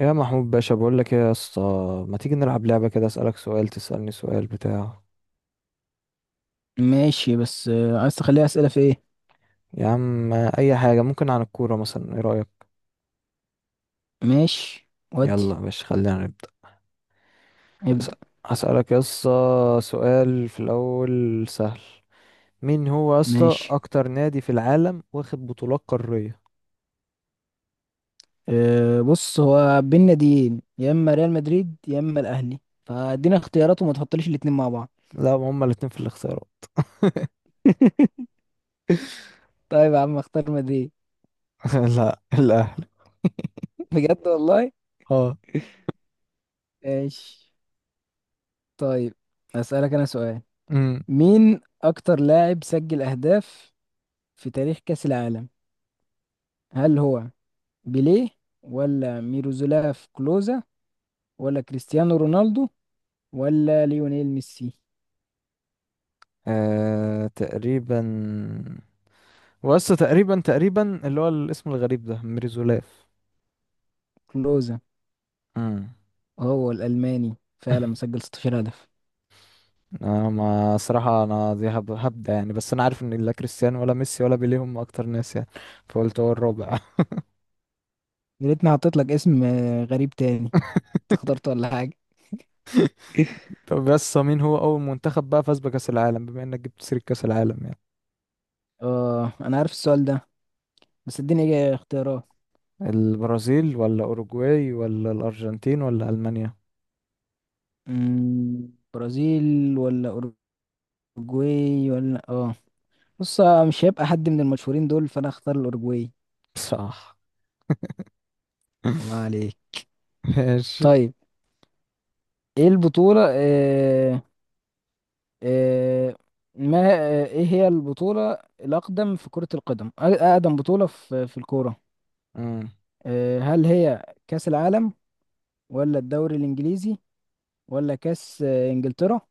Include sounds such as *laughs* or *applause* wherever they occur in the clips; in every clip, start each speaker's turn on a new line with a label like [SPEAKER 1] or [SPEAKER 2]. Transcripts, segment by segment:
[SPEAKER 1] يا محمود باشا، بقول لك ايه يا اسطى؟ ما تيجي نلعب لعبة كده، اسألك سؤال تسألني سؤال بتاع.
[SPEAKER 2] ماشي، بس عايز تخليها أسئلة في ايه؟
[SPEAKER 1] يا عم اي حاجة، ممكن عن الكورة مثلا. ايه رأيك؟
[SPEAKER 2] ماشي.
[SPEAKER 1] يلا
[SPEAKER 2] ودي.
[SPEAKER 1] يا باشا خلينا نبدأ. هس-
[SPEAKER 2] ابدأ.
[SPEAKER 1] هسألك يا اسطى سؤال في الاول سهل. مين هو يا اسطى
[SPEAKER 2] ماشي.
[SPEAKER 1] اكتر نادي في العالم واخد بطولات قارية؟
[SPEAKER 2] أه، بص هو بينا ناديين، يا اما ريال مدريد يا اما الاهلي. فادينا اختيارات وما تحطليش الاتنين مع بعض.
[SPEAKER 1] لا، ما هما الاتنين في الاختيارات.
[SPEAKER 2] *laughs* طيب يا عم، اختار مدريد.
[SPEAKER 1] *laughs* لا، الاهلي.
[SPEAKER 2] بجد والله؟
[SPEAKER 1] اه.
[SPEAKER 2] ماشي. طيب، اسألك انا سؤال.
[SPEAKER 1] امم
[SPEAKER 2] مين اكتر لاعب سجل اهداف في تاريخ كأس العالم؟ هل هو بيليه، ولا ميروزولاف كلوزا، ولا كريستيانو رونالدو، ولا ليونيل ميسي؟
[SPEAKER 1] تقريبا. واسطى، تقريبا تقريبا اللي هو الاسم الغريب ده، ميرزولاف.
[SPEAKER 2] كلوزا.
[SPEAKER 1] امم
[SPEAKER 2] هو الألماني، فعلا
[SPEAKER 1] *laughs*
[SPEAKER 2] مسجل 16 هدف.
[SPEAKER 1] انا، ما صراحة، انا دي هبدأ يعني. بس انا عارف ان لا كريستيانو ولا ميسي ولا بيليه هم اكتر ناس يعني، فقلت هو الرابع.
[SPEAKER 2] يا ريتني حطيت لك اسم غريب تاني. انت اخترته ولا حاجة؟
[SPEAKER 1] *laughs* طب بس مين هو اول منتخب بقى فاز بكأس العالم، بما انك جبت سيرة كأس العالم يعني؟
[SPEAKER 2] اه، أنا عارف السؤال ده، بس اديني اختيارات.
[SPEAKER 1] البرازيل ولا اوروجواي ولا الارجنتين ولا المانيا؟
[SPEAKER 2] برازيل ولا أوروجواي ولا اه، بص، مش هيبقى حد من المشهورين دول، فأنا اختار الأوروجواي.
[SPEAKER 1] صح.
[SPEAKER 2] الله
[SPEAKER 1] *laughs*
[SPEAKER 2] عليك.
[SPEAKER 1] ماشي.
[SPEAKER 2] طيب، ايه البطولة آه آه ما آه، ايه هي البطولة الأقدم في كرة القدم؟ أقدم بطولة في الكورة.
[SPEAKER 1] مم.
[SPEAKER 2] هل هي كأس العالم، ولا الدوري الانجليزي، ولا كاس انجلترا،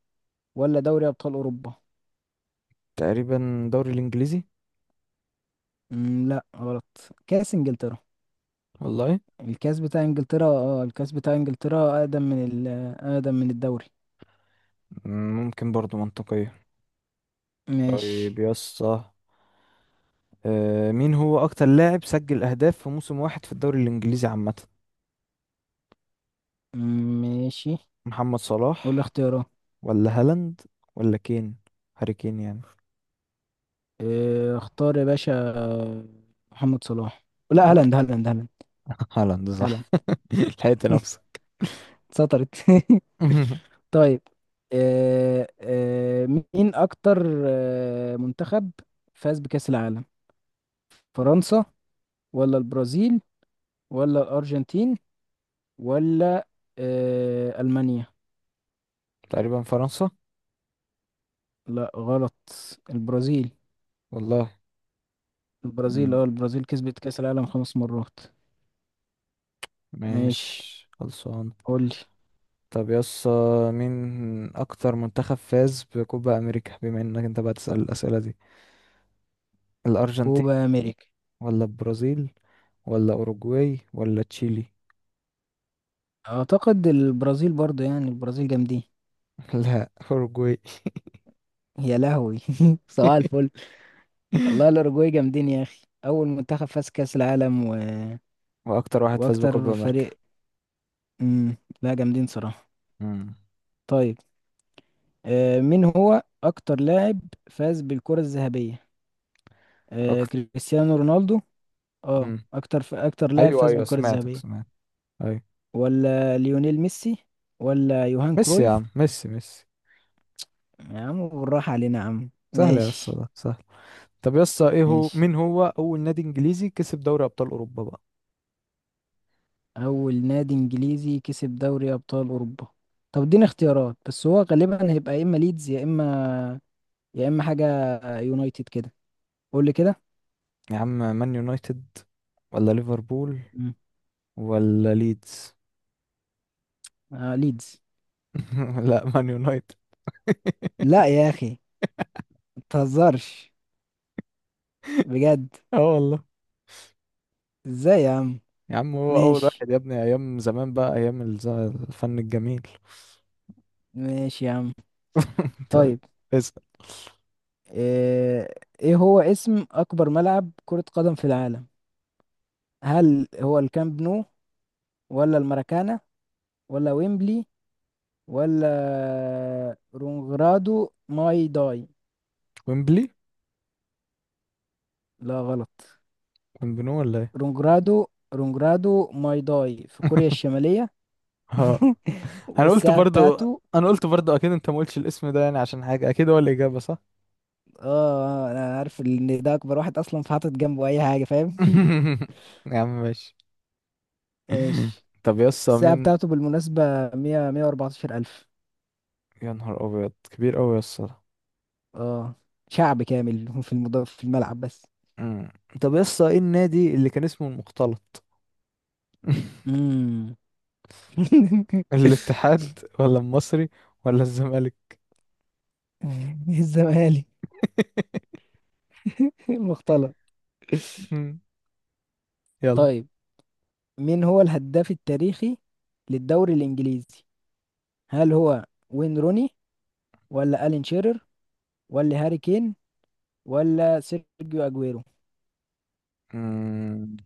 [SPEAKER 2] ولا دوري ابطال اوروبا؟
[SPEAKER 1] تقريبا الدوري الانجليزي.
[SPEAKER 2] مم. لا، غلط. كاس انجلترا.
[SPEAKER 1] والله،
[SPEAKER 2] الكاس بتاع انجلترا اقدم من اقدم من الدوري.
[SPEAKER 1] مم، ممكن برضو منطقية. طيب
[SPEAKER 2] ماشي.
[SPEAKER 1] يسطا، مين هو اكتر لاعب سجل اهداف في موسم واحد في الدوري الانجليزي عامة؟
[SPEAKER 2] مم، ماشي.
[SPEAKER 1] محمد
[SPEAKER 2] قول لي
[SPEAKER 1] صلاح
[SPEAKER 2] اختيارات.
[SPEAKER 1] ولا هالاند ولا كين، هاري كين يعني.
[SPEAKER 2] اختار يا باشا، محمد صلاح. لا،
[SPEAKER 1] لا.
[SPEAKER 2] هالاند هالاند هالاند.
[SPEAKER 1] *laughs* هالاند صح.
[SPEAKER 2] هالاند.
[SPEAKER 1] *laughs* لحقت نفسك.
[SPEAKER 2] سطرت. *laughs*
[SPEAKER 1] *laughs*
[SPEAKER 2] طيب، مين اكتر منتخب فاز بكأس العالم؟ فرنسا، ولا البرازيل، ولا الأرجنتين، ولا ألمانيا؟
[SPEAKER 1] تقريبا فرنسا.
[SPEAKER 2] لا، غلط. البرازيل.
[SPEAKER 1] والله. مم.
[SPEAKER 2] البرازيل كسبت كأس العالم خمس مرات. ماشي.
[SPEAKER 1] ماشي خلصان.
[SPEAKER 2] قولي.
[SPEAKER 1] طب مين اكتر منتخب فاز بكوبا امريكا، بما انك انت بقى تسأل الاسئلة دي؟ الارجنتين
[SPEAKER 2] كوبا أمريكا.
[SPEAKER 1] ولا البرازيل ولا اوروجواي ولا تشيلي؟
[SPEAKER 2] أعتقد البرازيل برضه، يعني البرازيل جامدين.
[SPEAKER 1] *laughs* لا، اوروجواي.
[SPEAKER 2] يا لهوي. *laughs* صباح الفل.
[SPEAKER 1] *laughs*
[SPEAKER 2] والله الأوروجواي جامدين يا أخي، أول منتخب فاز كأس العالم
[SPEAKER 1] واكتر واحد فاز بكوبا
[SPEAKER 2] وأكتر
[SPEAKER 1] امريكا.
[SPEAKER 2] فريق. مم. لا، جامدين صراحة.
[SPEAKER 1] مم.
[SPEAKER 2] طيب، آه مين هو أكتر لاعب فاز بالكرة الذهبية؟ آه
[SPEAKER 1] اكتر.
[SPEAKER 2] كريستيانو رونالدو. اه،
[SPEAKER 1] مم.
[SPEAKER 2] اكتر لاعب
[SPEAKER 1] ايوه،
[SPEAKER 2] فاز
[SPEAKER 1] ايوه،
[SPEAKER 2] بالكرة
[SPEAKER 1] سمعتك
[SPEAKER 2] الذهبية،
[SPEAKER 1] سمعت. ايوه.
[SPEAKER 2] ولا ليونيل ميسي، ولا يوهان
[SPEAKER 1] ميسي يا
[SPEAKER 2] كرويف؟
[SPEAKER 1] عم، ميسي ميسي.
[SPEAKER 2] يا عم بالراحة علينا يا عم،
[SPEAKER 1] سهل يا اسطى،
[SPEAKER 2] ماشي.
[SPEAKER 1] ده سهل. طب يا اسطى، ايه هو
[SPEAKER 2] ماشي.
[SPEAKER 1] مين هو اول نادي انجليزي كسب دوري ابطال اوروبا بقى؟
[SPEAKER 2] اول نادي انجليزي كسب دوري ابطال اوروبا. طب اديني اختيارات، بس هو غالبا هيبقى يا اما ليدز يا اما حاجة، يونايتد كده. قول لي كده.
[SPEAKER 1] يا عم، مان يونايتد ولا ليفربول
[SPEAKER 2] مم.
[SPEAKER 1] ولا ليدز؟
[SPEAKER 2] آه، ليدز.
[SPEAKER 1] *laughs* لا، مان يونايتد.
[SPEAKER 2] لا يا اخي، متهزرش، بجد.
[SPEAKER 1] اه والله.
[SPEAKER 2] ازاي يا عم؟
[SPEAKER 1] يا عم هو اول
[SPEAKER 2] ماشي،
[SPEAKER 1] واحد يا ابني، ايام زمان بقى، ايام الفن الجميل.
[SPEAKER 2] ماشي يا عم.
[SPEAKER 1] *laughs* طيب.
[SPEAKER 2] طيب.
[SPEAKER 1] اسال.
[SPEAKER 2] آه، ايه هو اسم اكبر ملعب كرة قدم في العالم؟ هل هو الكامب نو، ولا الماراكانا، ولا ويمبلي، ولا رونجرادو ماي داي؟
[SPEAKER 1] ويمبلي
[SPEAKER 2] لا، غلط.
[SPEAKER 1] ويمبنو ولا ايه؟
[SPEAKER 2] رونجرادو. رونجرادو ماي داي في كوريا
[SPEAKER 1] *laughs*
[SPEAKER 2] الشمالية. *laughs*
[SPEAKER 1] اه، انا قلت
[SPEAKER 2] والساعة
[SPEAKER 1] برضو،
[SPEAKER 2] بتاعته.
[SPEAKER 1] انا قلت برضو اكيد انت ما قلتش الاسم ده يعني عشان حاجه، اكيد هو الاجابه صح.
[SPEAKER 2] اه، انا عارف ان ده اكبر واحد اصلا، فحاطط جنبه اي حاجة، فاهم؟
[SPEAKER 1] *laughs* يا عم ماشي.
[SPEAKER 2] ايش.
[SPEAKER 1] طب يسا،
[SPEAKER 2] الساعة
[SPEAKER 1] مين؟
[SPEAKER 2] بتاعته بالمناسبة مية واربعتاشر الف.
[SPEAKER 1] يا نهار ابيض، كبير اوي يسا ده.
[SPEAKER 2] اه، شعب كامل *laughs* في المضاف في الملعب بس.
[SPEAKER 1] مم. طب يسا، ايه النادي اللي كان اسمه المختلط؟ *laughs*
[SPEAKER 2] امم *laughs*
[SPEAKER 1] الاتحاد ولا المصري ولا الزمالك؟
[SPEAKER 2] الزمالك
[SPEAKER 1] *laughs*
[SPEAKER 2] المختلط.
[SPEAKER 1] مم. يلا.
[SPEAKER 2] طيب، مين هو الهداف التاريخي للدوري الإنجليزي؟ هل هو وين روني، ولا ألين شيرر، ولا هاري كين، ولا سيرجيو أجويرو؟
[SPEAKER 1] مم.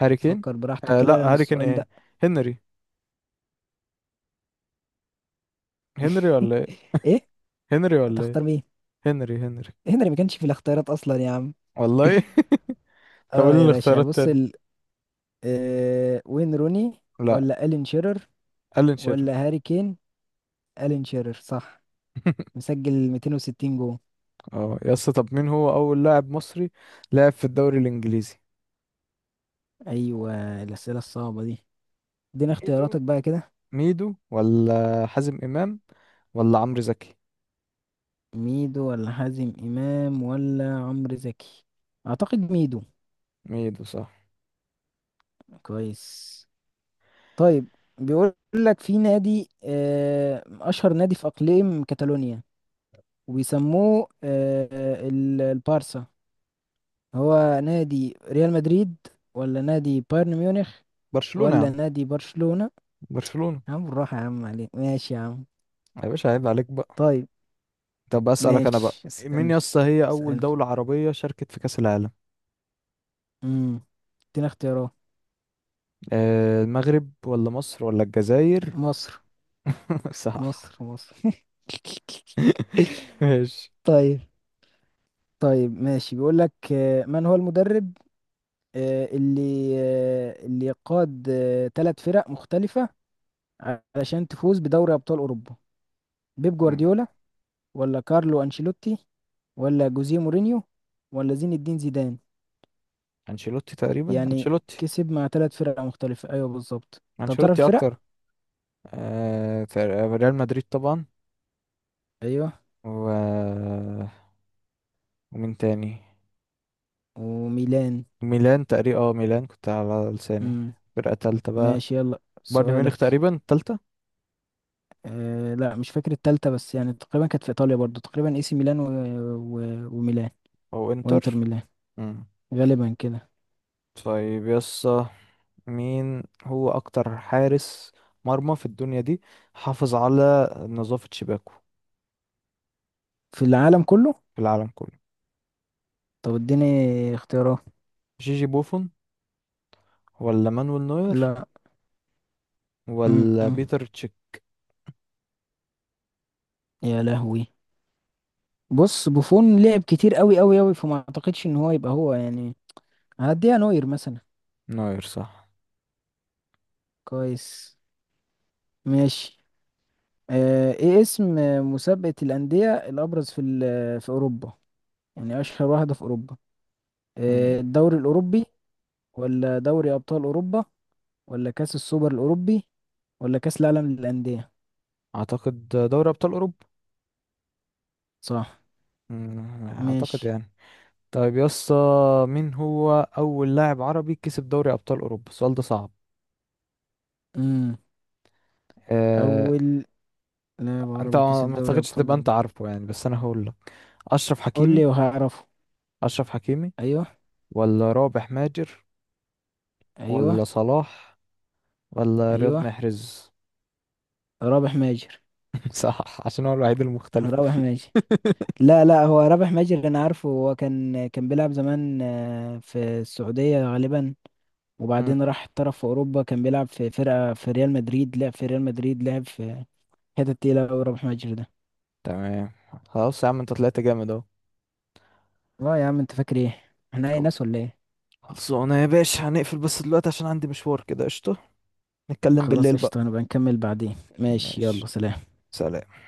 [SPEAKER 1] هاري كين.
[SPEAKER 2] تفكر براحتك كده،
[SPEAKER 1] لا،
[SPEAKER 2] لأن
[SPEAKER 1] هاري كين
[SPEAKER 2] السؤال
[SPEAKER 1] ايه؟
[SPEAKER 2] ده.
[SPEAKER 1] هنري. هنري
[SPEAKER 2] *laughs*
[SPEAKER 1] ولا ايه؟
[SPEAKER 2] إيه.
[SPEAKER 1] هنري ولا ايه؟
[SPEAKER 2] هتختار مين؟
[SPEAKER 1] هنري هنري.
[SPEAKER 2] هنري ما كانش في الاختيارات أصلا يا عم.
[SPEAKER 1] والله. *laughs* طب قول
[SPEAKER 2] اه
[SPEAKER 1] لي
[SPEAKER 2] يا باشا،
[SPEAKER 1] الاختيارات
[SPEAKER 2] بص
[SPEAKER 1] تاني.
[SPEAKER 2] وين روني،
[SPEAKER 1] لا،
[SPEAKER 2] ولا ألين شيرر،
[SPEAKER 1] ألين شيرر.
[SPEAKER 2] ولا هاري كين؟ ألين شيرر صح.
[SPEAKER 1] *laughs*
[SPEAKER 2] مسجل 260 جول.
[SPEAKER 1] اه يا اسطى، طب مين هو اول لاعب مصري لعب في الدوري الانجليزي؟
[SPEAKER 2] ايوه، الاسئله الصعبه دي، ادينا
[SPEAKER 1] ميدو.
[SPEAKER 2] اختياراتك بقى كده.
[SPEAKER 1] ميدو ولا حازم امام ولا عمرو زكي.
[SPEAKER 2] ميدو ولا حازم امام ولا عمرو زكي؟ اعتقد ميدو.
[SPEAKER 1] ميدو صح.
[SPEAKER 2] كويس. طيب، بيقول لك في نادي، اشهر نادي في اقليم كاتالونيا، وبيسموه البارسا. هو نادي ريال مدريد، ولا نادي بايرن ميونخ،
[SPEAKER 1] برشلونة يا
[SPEAKER 2] ولا
[SPEAKER 1] عم.
[SPEAKER 2] نادي برشلونة؟
[SPEAKER 1] برشلونة.
[SPEAKER 2] يا عم بالراحة يا عم عليك، ماشي يا عم.
[SPEAKER 1] يا باشا عيب عليك بقى.
[SPEAKER 2] طيب،
[SPEAKER 1] طب اسالك انا بقى،
[SPEAKER 2] ماشي.
[SPEAKER 1] مين يا
[SPEAKER 2] اسألني،
[SPEAKER 1] اسطى هي اول
[SPEAKER 2] اسألني.
[SPEAKER 1] دولة عربية شاركت في كأس العالم؟
[SPEAKER 2] امم ادينا اختيارات.
[SPEAKER 1] المغرب ولا مصر ولا الجزائر؟
[SPEAKER 2] مصر.
[SPEAKER 1] *laughs* صح.
[SPEAKER 2] مصر مصر. *laughs*
[SPEAKER 1] *laughs* ماشي.
[SPEAKER 2] طيب، طيب، ماشي. بيقول لك، من هو المدرب، اللي قاد ثلاث فرق مختلفة علشان تفوز بدوري أبطال أوروبا؟ بيب
[SPEAKER 1] مم.
[SPEAKER 2] جوارديولا، ولا كارلو أنشيلوتي، ولا جوزيه مورينيو، ولا زين الدين زيدان؟
[SPEAKER 1] انشيلوتي، تقريبا
[SPEAKER 2] يعني
[SPEAKER 1] انشيلوتي.
[SPEAKER 2] كسب مع ثلاث فرق مختلفة، أيوه بالظبط. طب تعرف الفرق؟
[SPEAKER 1] اكتر. آه تق- ريال مدريد طبعا.
[SPEAKER 2] أيوه.
[SPEAKER 1] و... ومين تاني؟
[SPEAKER 2] وميلان.
[SPEAKER 1] ميلان تقريبا. اه، ميلان كنت على لساني.
[SPEAKER 2] امم.
[SPEAKER 1] فرقة تالتة بقى.
[SPEAKER 2] ماشي، يلا
[SPEAKER 1] بايرن ميونخ
[SPEAKER 2] سؤالك.
[SPEAKER 1] تقريبا تالتة.
[SPEAKER 2] آه لا، مش فاكر التالتة، بس يعني تقريبا كانت في ايطاليا برضو، تقريبا اي سي ميلان وميلان.
[SPEAKER 1] او انتر.
[SPEAKER 2] وانتر ميلان.
[SPEAKER 1] مم.
[SPEAKER 2] غالبا كده.
[SPEAKER 1] طيب يسا، مين هو اكتر حارس مرمى في الدنيا دي حافظ على نظافة شباكه
[SPEAKER 2] في العالم كله.
[SPEAKER 1] في العالم كله؟
[SPEAKER 2] طب اديني اختيارات.
[SPEAKER 1] جيجي بوفون ولا مانويل نوير
[SPEAKER 2] لا. م
[SPEAKER 1] ولا
[SPEAKER 2] -م.
[SPEAKER 1] بيتر تشيك؟
[SPEAKER 2] يا لهوي. بص بوفون لعب كتير قوي قوي قوي، فما اعتقدش ان هو يبقى هو، يعني هديها نوير مثلا.
[SPEAKER 1] نوير صح.
[SPEAKER 2] كويس. ماشي. آه، ايه اسم مسابقة الأندية الأبرز في في أوروبا؟ يعني أشهر واحدة في أوروبا.
[SPEAKER 1] مم.
[SPEAKER 2] الدوري الأوروبي، ولا دوري أبطال أوروبا، ولا كأس السوبر الأوروبي، ولا كأس العالم للأندية؟
[SPEAKER 1] اعتقد دوري ابطال اوروبا.
[SPEAKER 2] صح.
[SPEAKER 1] اعتقد
[SPEAKER 2] ماشي.
[SPEAKER 1] يعني. طيب يسا، مين هو اول لاعب عربي كسب دوري ابطال اوروبا؟ السؤال ده صعب.
[SPEAKER 2] امم
[SPEAKER 1] أه...
[SPEAKER 2] أول لاعب
[SPEAKER 1] انت
[SPEAKER 2] عربي
[SPEAKER 1] ما
[SPEAKER 2] كسب
[SPEAKER 1] ما
[SPEAKER 2] دوري
[SPEAKER 1] اعتقدش
[SPEAKER 2] أبطال
[SPEAKER 1] تبقى انت
[SPEAKER 2] أوروبا.
[SPEAKER 1] عارفه يعني، بس انا هقول. أشرف
[SPEAKER 2] قول
[SPEAKER 1] حكيمي.
[SPEAKER 2] لي وهعرفه.
[SPEAKER 1] أشرف حكيمي
[SPEAKER 2] أيوه.
[SPEAKER 1] ولا رابح ماجر
[SPEAKER 2] أيوه.
[SPEAKER 1] ولا صلاح ولا رياض
[SPEAKER 2] أيوه.
[SPEAKER 1] محرز.
[SPEAKER 2] رابح ماجر.
[SPEAKER 1] *laughs* صح، عشان هو الوحيد المختلف.
[SPEAKER 2] رابح ماجر. لا لا، هو رابح ماجر أنا عارفه. هو كان بيلعب زمان في السعودية غالبا،
[SPEAKER 1] *laughs* مم.
[SPEAKER 2] وبعدين راح احترف في أوروبا. كان بيلعب في فرقة في ريال مدريد، لعب في ريال مدريد، لعب في حتة تقيلة أوي. رابح ماجر ده.
[SPEAKER 1] تمام. خلاص يا عم، انت طلعت جامد اهو.
[SPEAKER 2] اه يا عم، أنت فاكر إيه؟ إحنا أي
[SPEAKER 1] خل-
[SPEAKER 2] ناس ولا إيه؟
[SPEAKER 1] خلصونا يا باشا، هنقفل بس دلوقتي عشان عندي مشوار كده. قشطة، نتكلم
[SPEAKER 2] خلاص
[SPEAKER 1] بالليل بقى.
[SPEAKER 2] قشطة، هنبقى نكمل بعدين. ماشي،
[SPEAKER 1] ماشي.
[SPEAKER 2] يلا سلام.
[SPEAKER 1] سلام.